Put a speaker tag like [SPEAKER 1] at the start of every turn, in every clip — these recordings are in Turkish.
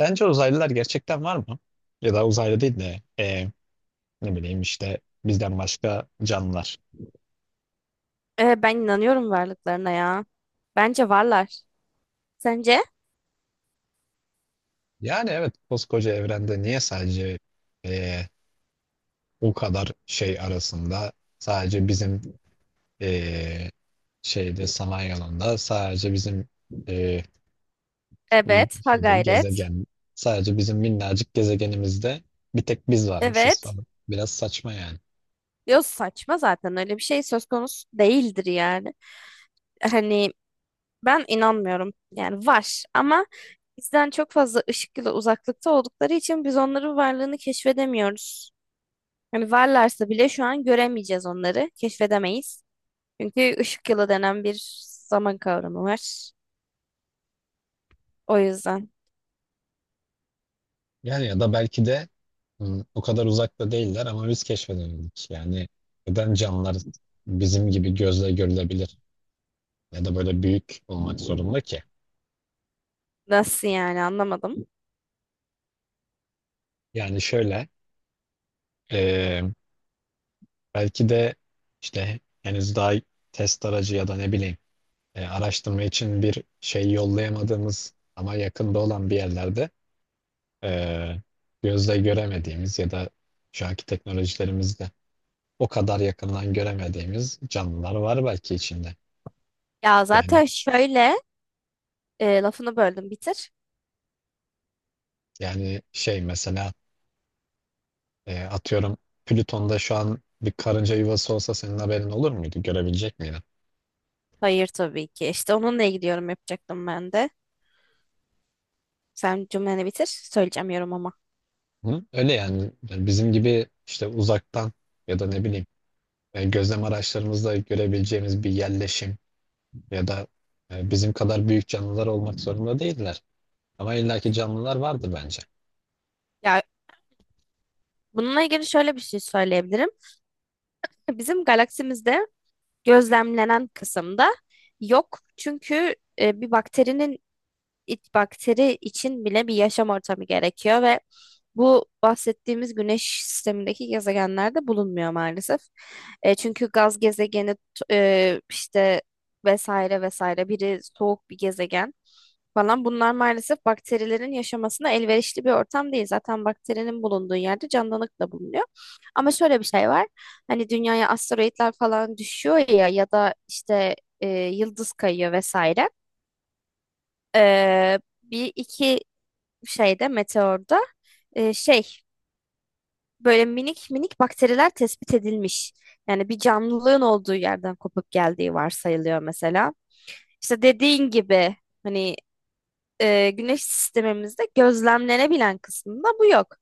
[SPEAKER 1] Sence uzaylılar gerçekten var mı? Ya da uzaylı değil de ne bileyim işte bizden başka canlılar.
[SPEAKER 2] Ben inanıyorum varlıklarına ya. Bence varlar. Sence?
[SPEAKER 1] Yani evet koskoca evrende niye sadece e, o kadar şey arasında sadece bizim e, şeyde sanayi alanında sadece bizim e,
[SPEAKER 2] Evet, ha
[SPEAKER 1] şeyde
[SPEAKER 2] gayret.
[SPEAKER 1] gezegen sadece bizim minnacık gezegenimizde bir tek biz varmışız
[SPEAKER 2] Evet.
[SPEAKER 1] falan. Biraz saçma yani.
[SPEAKER 2] Yok, saçma, zaten öyle bir şey söz konusu değildir yani. Hani ben inanmıyorum. Yani var, ama bizden çok fazla ışık yılı uzaklıkta oldukları için biz onların varlığını keşfedemiyoruz. Hani varlarsa bile şu an göremeyeceğiz onları, keşfedemeyiz. Çünkü ışık yılı denen bir zaman kavramı var. O yüzden
[SPEAKER 1] Yani ya da belki de o kadar uzakta değiller ama biz keşfedemedik. Yani neden canlılar bizim gibi gözle görülebilir ya da böyle büyük olmak zorunda ki?
[SPEAKER 2] nasıl yani, anlamadım.
[SPEAKER 1] Yani şöyle e, belki de işte henüz daha test aracı ya da ne bileyim araştırma için bir şey yollayamadığımız ama yakında olan bir yerlerde e, gözle göremediğimiz ya da şu anki teknolojilerimizde o kadar yakından göremediğimiz canlılar var belki içinde.
[SPEAKER 2] Ya
[SPEAKER 1] Yani
[SPEAKER 2] zaten şöyle. Lafını böldüm, bitir.
[SPEAKER 1] Yani şey mesela atıyorum Plüton'da şu an bir karınca yuvası olsa senin haberin olur muydu? Görebilecek miydin?
[SPEAKER 2] Hayır, tabii ki. İşte onunla ilgili yorum yapacaktım ben de. Sen cümleni bitir. Söyleyeceğim yorum ama.
[SPEAKER 1] Hı? Öyle yani. Bizim gibi işte uzaktan ya da ne bileyim gözlem araçlarımızla görebileceğimiz bir yerleşim ya da bizim kadar büyük canlılar olmak zorunda değiller. Ama illaki canlılar vardır bence.
[SPEAKER 2] Ya bununla ilgili şöyle bir şey söyleyebilirim. Bizim galaksimizde gözlemlenen kısımda yok. Çünkü bir bakteri için bile bir yaşam ortamı gerekiyor ve bu bahsettiğimiz güneş sistemindeki gezegenlerde bulunmuyor maalesef. Çünkü gaz gezegeni işte vesaire vesaire biri soğuk bir gezegen falan, bunlar maalesef bakterilerin yaşamasına elverişli bir ortam değil. Zaten bakterinin bulunduğu yerde canlılık da bulunuyor. Ama şöyle bir şey var. Hani dünyaya asteroitler falan düşüyor ya, ya da işte yıldız kayıyor vesaire. Bir iki meteorda e, şey böyle minik minik bakteriler tespit edilmiş. Yani bir canlılığın olduğu yerden kopup geldiği varsayılıyor mesela. İşte dediğin gibi, hani güneş sistemimizde gözlemlenebilen kısmında bu yok.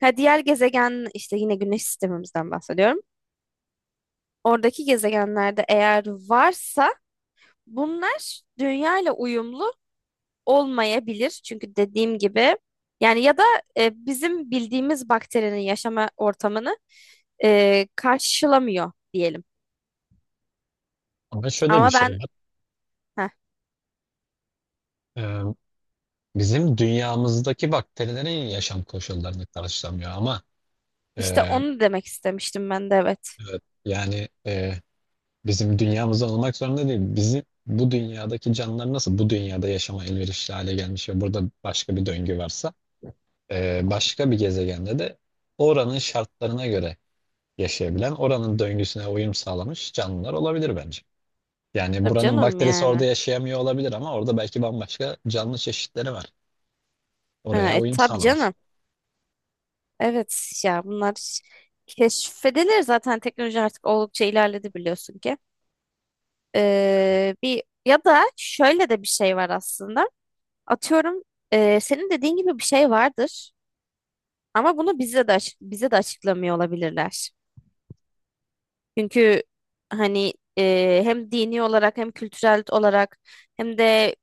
[SPEAKER 2] Ha, diğer gezegen, işte yine güneş sistemimizden bahsediyorum. Oradaki gezegenlerde eğer varsa bunlar dünya ile uyumlu olmayabilir. Çünkü dediğim gibi, yani ya da bizim bildiğimiz bakterinin yaşama ortamını karşılamıyor diyelim.
[SPEAKER 1] Ama şöyle bir
[SPEAKER 2] Ama
[SPEAKER 1] şey
[SPEAKER 2] ben
[SPEAKER 1] var.
[SPEAKER 2] heh,
[SPEAKER 1] E, Bizim dünyamızdaki bakterilerin yaşam koşullarını karşılamıyor ama
[SPEAKER 2] işte
[SPEAKER 1] e,
[SPEAKER 2] onu demek istemiştim ben de, evet.
[SPEAKER 1] evet, yani, Bizim dünyamızda olmak zorunda değil. Bizim bu dünyadaki canlılar nasıl bu dünyada yaşama elverişli hale gelmiş ve burada başka bir döngü varsa başka bir gezegende de oranın şartlarına göre yaşayabilen, oranın döngüsüne uyum sağlamış canlılar olabilir bence. Yani
[SPEAKER 2] Tabii
[SPEAKER 1] buranın
[SPEAKER 2] canım
[SPEAKER 1] bakterisi orada
[SPEAKER 2] yani.
[SPEAKER 1] yaşayamıyor olabilir ama orada belki bambaşka canlı çeşitleri var.
[SPEAKER 2] Ha,
[SPEAKER 1] Oraya uyum
[SPEAKER 2] tabii
[SPEAKER 1] sağlamış.
[SPEAKER 2] canım. Evet ya, bunlar keşfedilir zaten, teknoloji artık oldukça ilerledi biliyorsun ki. Bir ya da şöyle de bir şey var aslında. Atıyorum, senin dediğin gibi bir şey vardır. Ama bunu bize de açıklamıyor olabilirler. Çünkü hani hem dini olarak, hem kültürel olarak, hem de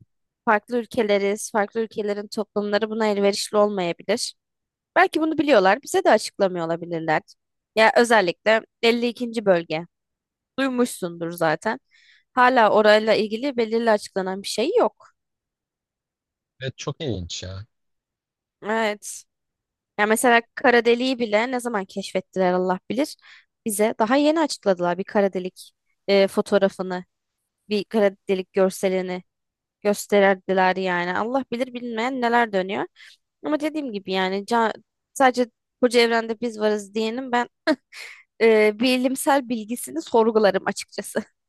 [SPEAKER 2] farklı ülkeleriz, farklı ülkelerin toplumları buna elverişli olmayabilir. Belki bunu biliyorlar, bize de açıklamıyor olabilirler. Ya özellikle 52. bölge. Duymuşsundur zaten. Hala orayla ilgili belirli açıklanan bir şey yok.
[SPEAKER 1] Evet, çok ilginç ya.
[SPEAKER 2] Evet. Ya mesela kara deliği bile ne zaman keşfettiler Allah bilir. Bize daha yeni açıkladılar bir kara delik fotoğrafını, bir kara delik görselini gösterdiler yani. Allah bilir bilmeyen neler dönüyor. Ama dediğim gibi yani, sadece koca evrende biz varız diyenin ben bilimsel bilgisini sorgularım açıkçası.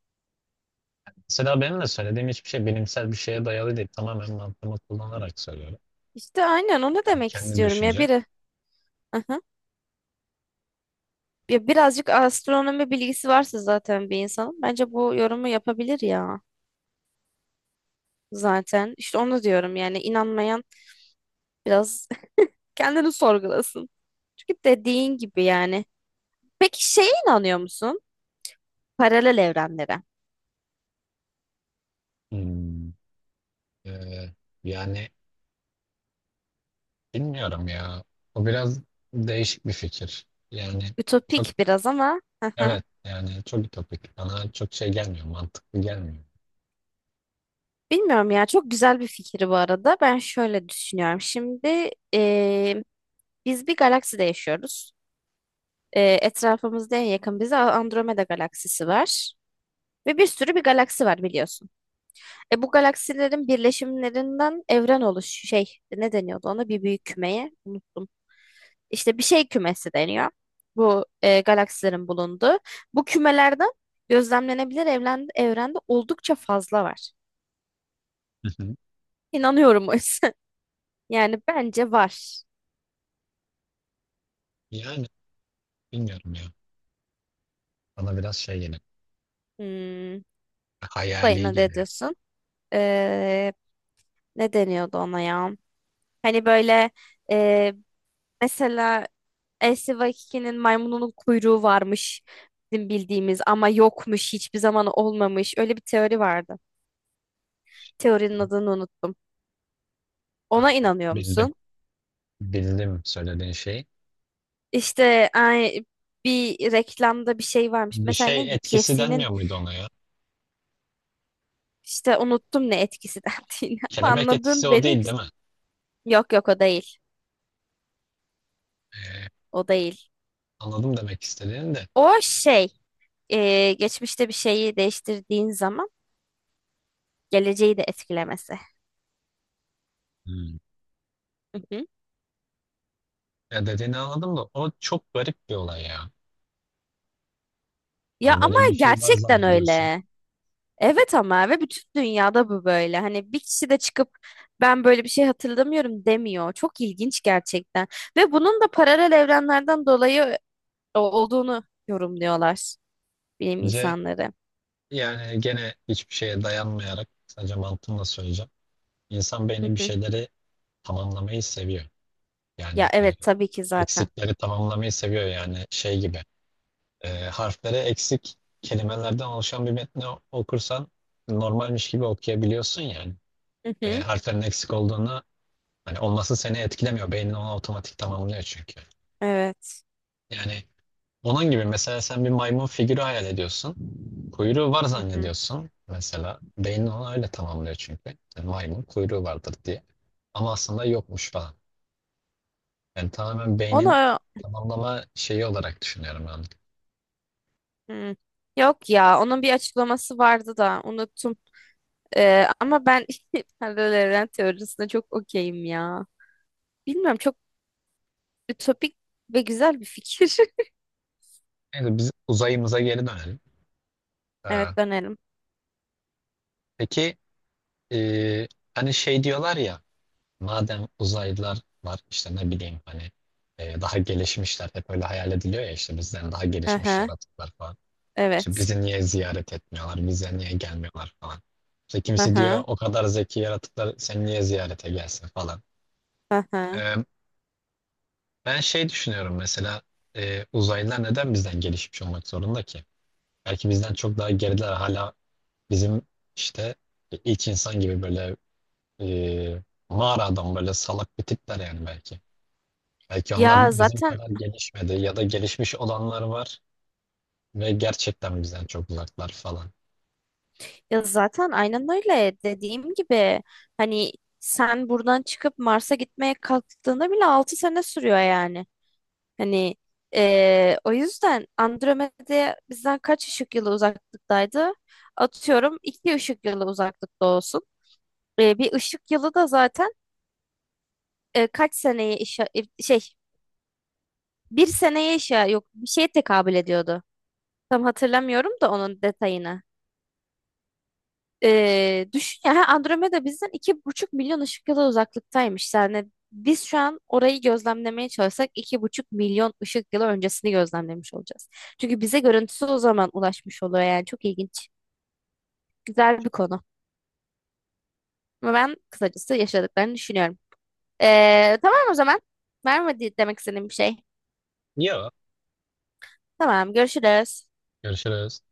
[SPEAKER 1] Mesela benim de söylediğim hiçbir şey bilimsel bir şeye dayalı değil. Tamamen mantığımı kullanarak söylüyorum.
[SPEAKER 2] İşte aynen onu
[SPEAKER 1] Yani
[SPEAKER 2] demek
[SPEAKER 1] kendi
[SPEAKER 2] istiyorum ya
[SPEAKER 1] düşüncem.
[SPEAKER 2] biri. Aha. Ya birazcık astronomi bilgisi varsa zaten bir insanın, bence bu yorumu yapabilir ya. Zaten. İşte onu diyorum yani, inanmayan biraz kendini sorgulasın. Çünkü dediğin gibi yani. Peki şeye inanıyor musun? Paralel evrenlere.
[SPEAKER 1] Hmm. Ee, yani bilmiyorum ya. O biraz değişik bir fikir. Yani çok,
[SPEAKER 2] Ütopik biraz ama. Hı hı.
[SPEAKER 1] evet yani çok ütopik. Bana çok şey gelmiyor. Mantıklı gelmiyor.
[SPEAKER 2] Bilmiyorum ya, çok güzel bir fikir bu arada. Ben şöyle düşünüyorum. Şimdi biz bir galakside yaşıyoruz. Etrafımızda en yakın bize Andromeda galaksisi var. Ve bir sürü bir galaksi var biliyorsun. Bu galaksilerin birleşimlerinden evren oluş şey, ne deniyordu ona, bir büyük kümeye, unuttum. İşte bir şey kümesi deniyor. Bu galaksilerin bulunduğu. Bu kümelerde gözlemlenebilir evren, evrende oldukça fazla var.
[SPEAKER 1] Hı hı.
[SPEAKER 2] İnanıyorum o yüzden. Yani bence var.
[SPEAKER 1] Yani bilmiyorum ya. Bana biraz şey geliyor.
[SPEAKER 2] Hmm.
[SPEAKER 1] Hayali
[SPEAKER 2] Dayına ne
[SPEAKER 1] geliyor.
[SPEAKER 2] diyorsun? Ee, Ne deniyordu ona ya? Hani böyle, e, mesela Elsi maymununun kuyruğu varmış bizim bildiğimiz, ama yokmuş, hiçbir zaman olmamış. Öyle bir teori vardı. Teorinin adını unuttum. Ona inanıyor
[SPEAKER 1] Bildim.
[SPEAKER 2] musun?
[SPEAKER 1] Bildim söylediğin şeyi.
[SPEAKER 2] İşte ay, bir reklamda bir şey varmış.
[SPEAKER 1] Bir
[SPEAKER 2] Mesela
[SPEAKER 1] şey
[SPEAKER 2] neydi?
[SPEAKER 1] etkisi
[SPEAKER 2] KFC'nin,
[SPEAKER 1] denmiyor muydu ona ya?
[SPEAKER 2] işte unuttum ne etkisi dendiğini.
[SPEAKER 1] Kelebek etkisi
[SPEAKER 2] Anladın
[SPEAKER 1] o
[SPEAKER 2] beni?
[SPEAKER 1] değil, değil mi?
[SPEAKER 2] Yok yok, o değil.
[SPEAKER 1] Ee,
[SPEAKER 2] O değil.
[SPEAKER 1] anladım demek istediğini de.
[SPEAKER 2] O şey, geçmişte bir şeyi değiştirdiğin zaman geleceği de etkilemesi.
[SPEAKER 1] Hmm.
[SPEAKER 2] Hı hı.
[SPEAKER 1] Ya dediğini anladım da o çok garip bir olay ya.
[SPEAKER 2] Ya,
[SPEAKER 1] Hani
[SPEAKER 2] ama
[SPEAKER 1] böyle bir şey var
[SPEAKER 2] gerçekten
[SPEAKER 1] zannediyorsun.
[SPEAKER 2] öyle. Evet ama, ve bütün dünyada bu böyle. Hani bir kişi de çıkıp "ben böyle bir şey hatırlamıyorum" demiyor. Çok ilginç gerçekten. Ve bunun da paralel evrenlerden dolayı olduğunu yorumluyorlar bilim
[SPEAKER 1] Bence.
[SPEAKER 2] insanları.
[SPEAKER 1] Yani gene hiçbir şeye dayanmayarak sadece mantığımla söyleyeceğim. İnsan
[SPEAKER 2] Hı
[SPEAKER 1] beyni bir
[SPEAKER 2] hı.
[SPEAKER 1] şeyleri tamamlamayı seviyor. Yani
[SPEAKER 2] Ya evet, tabii ki zaten.
[SPEAKER 1] eksikleri tamamlamayı seviyor yani şey gibi. Harfleri eksik kelimelerden oluşan bir metni okursan normalmiş gibi okuyabiliyorsun yani.
[SPEAKER 2] Hı hı.
[SPEAKER 1] Harflerin eksik olduğunu hani olması seni etkilemiyor. Beynin onu otomatik tamamlıyor çünkü.
[SPEAKER 2] Evet.
[SPEAKER 1] Yani, onun gibi mesela sen bir maymun figürü hayal ediyorsun. Kuyruğu var
[SPEAKER 2] Hı hı.
[SPEAKER 1] zannediyorsun. Mesela beynin onu öyle tamamlıyor çünkü. Yani maymun kuyruğu vardır diye. Ama aslında yokmuş falan. Yani tamamen beynin
[SPEAKER 2] Onu,
[SPEAKER 1] tamamlama şeyi olarak düşünüyorum ben.
[SPEAKER 2] hı. Yok ya, onun bir açıklaması vardı da unuttum. Ama ben paralel evren teorisine çok okeyim ya. Bilmiyorum, çok ütopik ve güzel bir fikir.
[SPEAKER 1] Neyse biz uzayımıza geri dönelim. Ee,
[SPEAKER 2] Evet, dönelim.
[SPEAKER 1] peki e, hani şey diyorlar ya madem uzaylılar var işte ne bileyim hani daha gelişmişler hep öyle hayal ediliyor ya işte bizden daha
[SPEAKER 2] Hı
[SPEAKER 1] gelişmiş
[SPEAKER 2] hı.
[SPEAKER 1] yaratıklar falan. İşte
[SPEAKER 2] Evet.
[SPEAKER 1] bizi niye ziyaret etmiyorlar, bize niye gelmiyorlar falan. İşte
[SPEAKER 2] Hı
[SPEAKER 1] kimisi diyor
[SPEAKER 2] hı.
[SPEAKER 1] o kadar zeki yaratıklar sen niye ziyarete gelsin falan.
[SPEAKER 2] Hı hı.
[SPEAKER 1] Ee, ben şey düşünüyorum mesela uzaylılar neden bizden gelişmiş olmak zorunda ki? Belki bizden çok daha geriler hala bizim işte ilk insan gibi böyle e, mağara adam böyle salak bir tipler yani belki. Belki
[SPEAKER 2] Ya
[SPEAKER 1] onlar bizim
[SPEAKER 2] zaten
[SPEAKER 1] kadar gelişmedi ya da gelişmiş olanlar var ve gerçekten bizden çok uzaklar falan.
[SPEAKER 2] Ya zaten aynen öyle, dediğim gibi hani, sen buradan çıkıp Mars'a gitmeye kalktığında bile 6 sene sürüyor yani. Hani o yüzden Andromeda bizden kaç ışık yılı uzaklıktaydı? Atıyorum 2 ışık yılı uzaklıkta olsun. Bir ışık yılı da zaten kaç seneye işe şey, bir seneye işe, yok, bir şeye tekabül ediyordu. Tam hatırlamıyorum da onun detayını. Düşün ya, Andromeda bizden 2,5 milyon ışık yılı uzaklıktaymış. Yani biz şu an orayı gözlemlemeye çalışsak 2,5 milyon ışık yılı öncesini gözlemlemiş olacağız. Çünkü bize görüntüsü o zaman ulaşmış oluyor yani, çok ilginç. Güzel bir konu. Ama ben kısacası yaşadıklarını düşünüyorum. Tamam o zaman. Var mı demek istediğim bir şey?
[SPEAKER 1] Yo.
[SPEAKER 2] Tamam, görüşürüz.
[SPEAKER 1] Görüşürüz.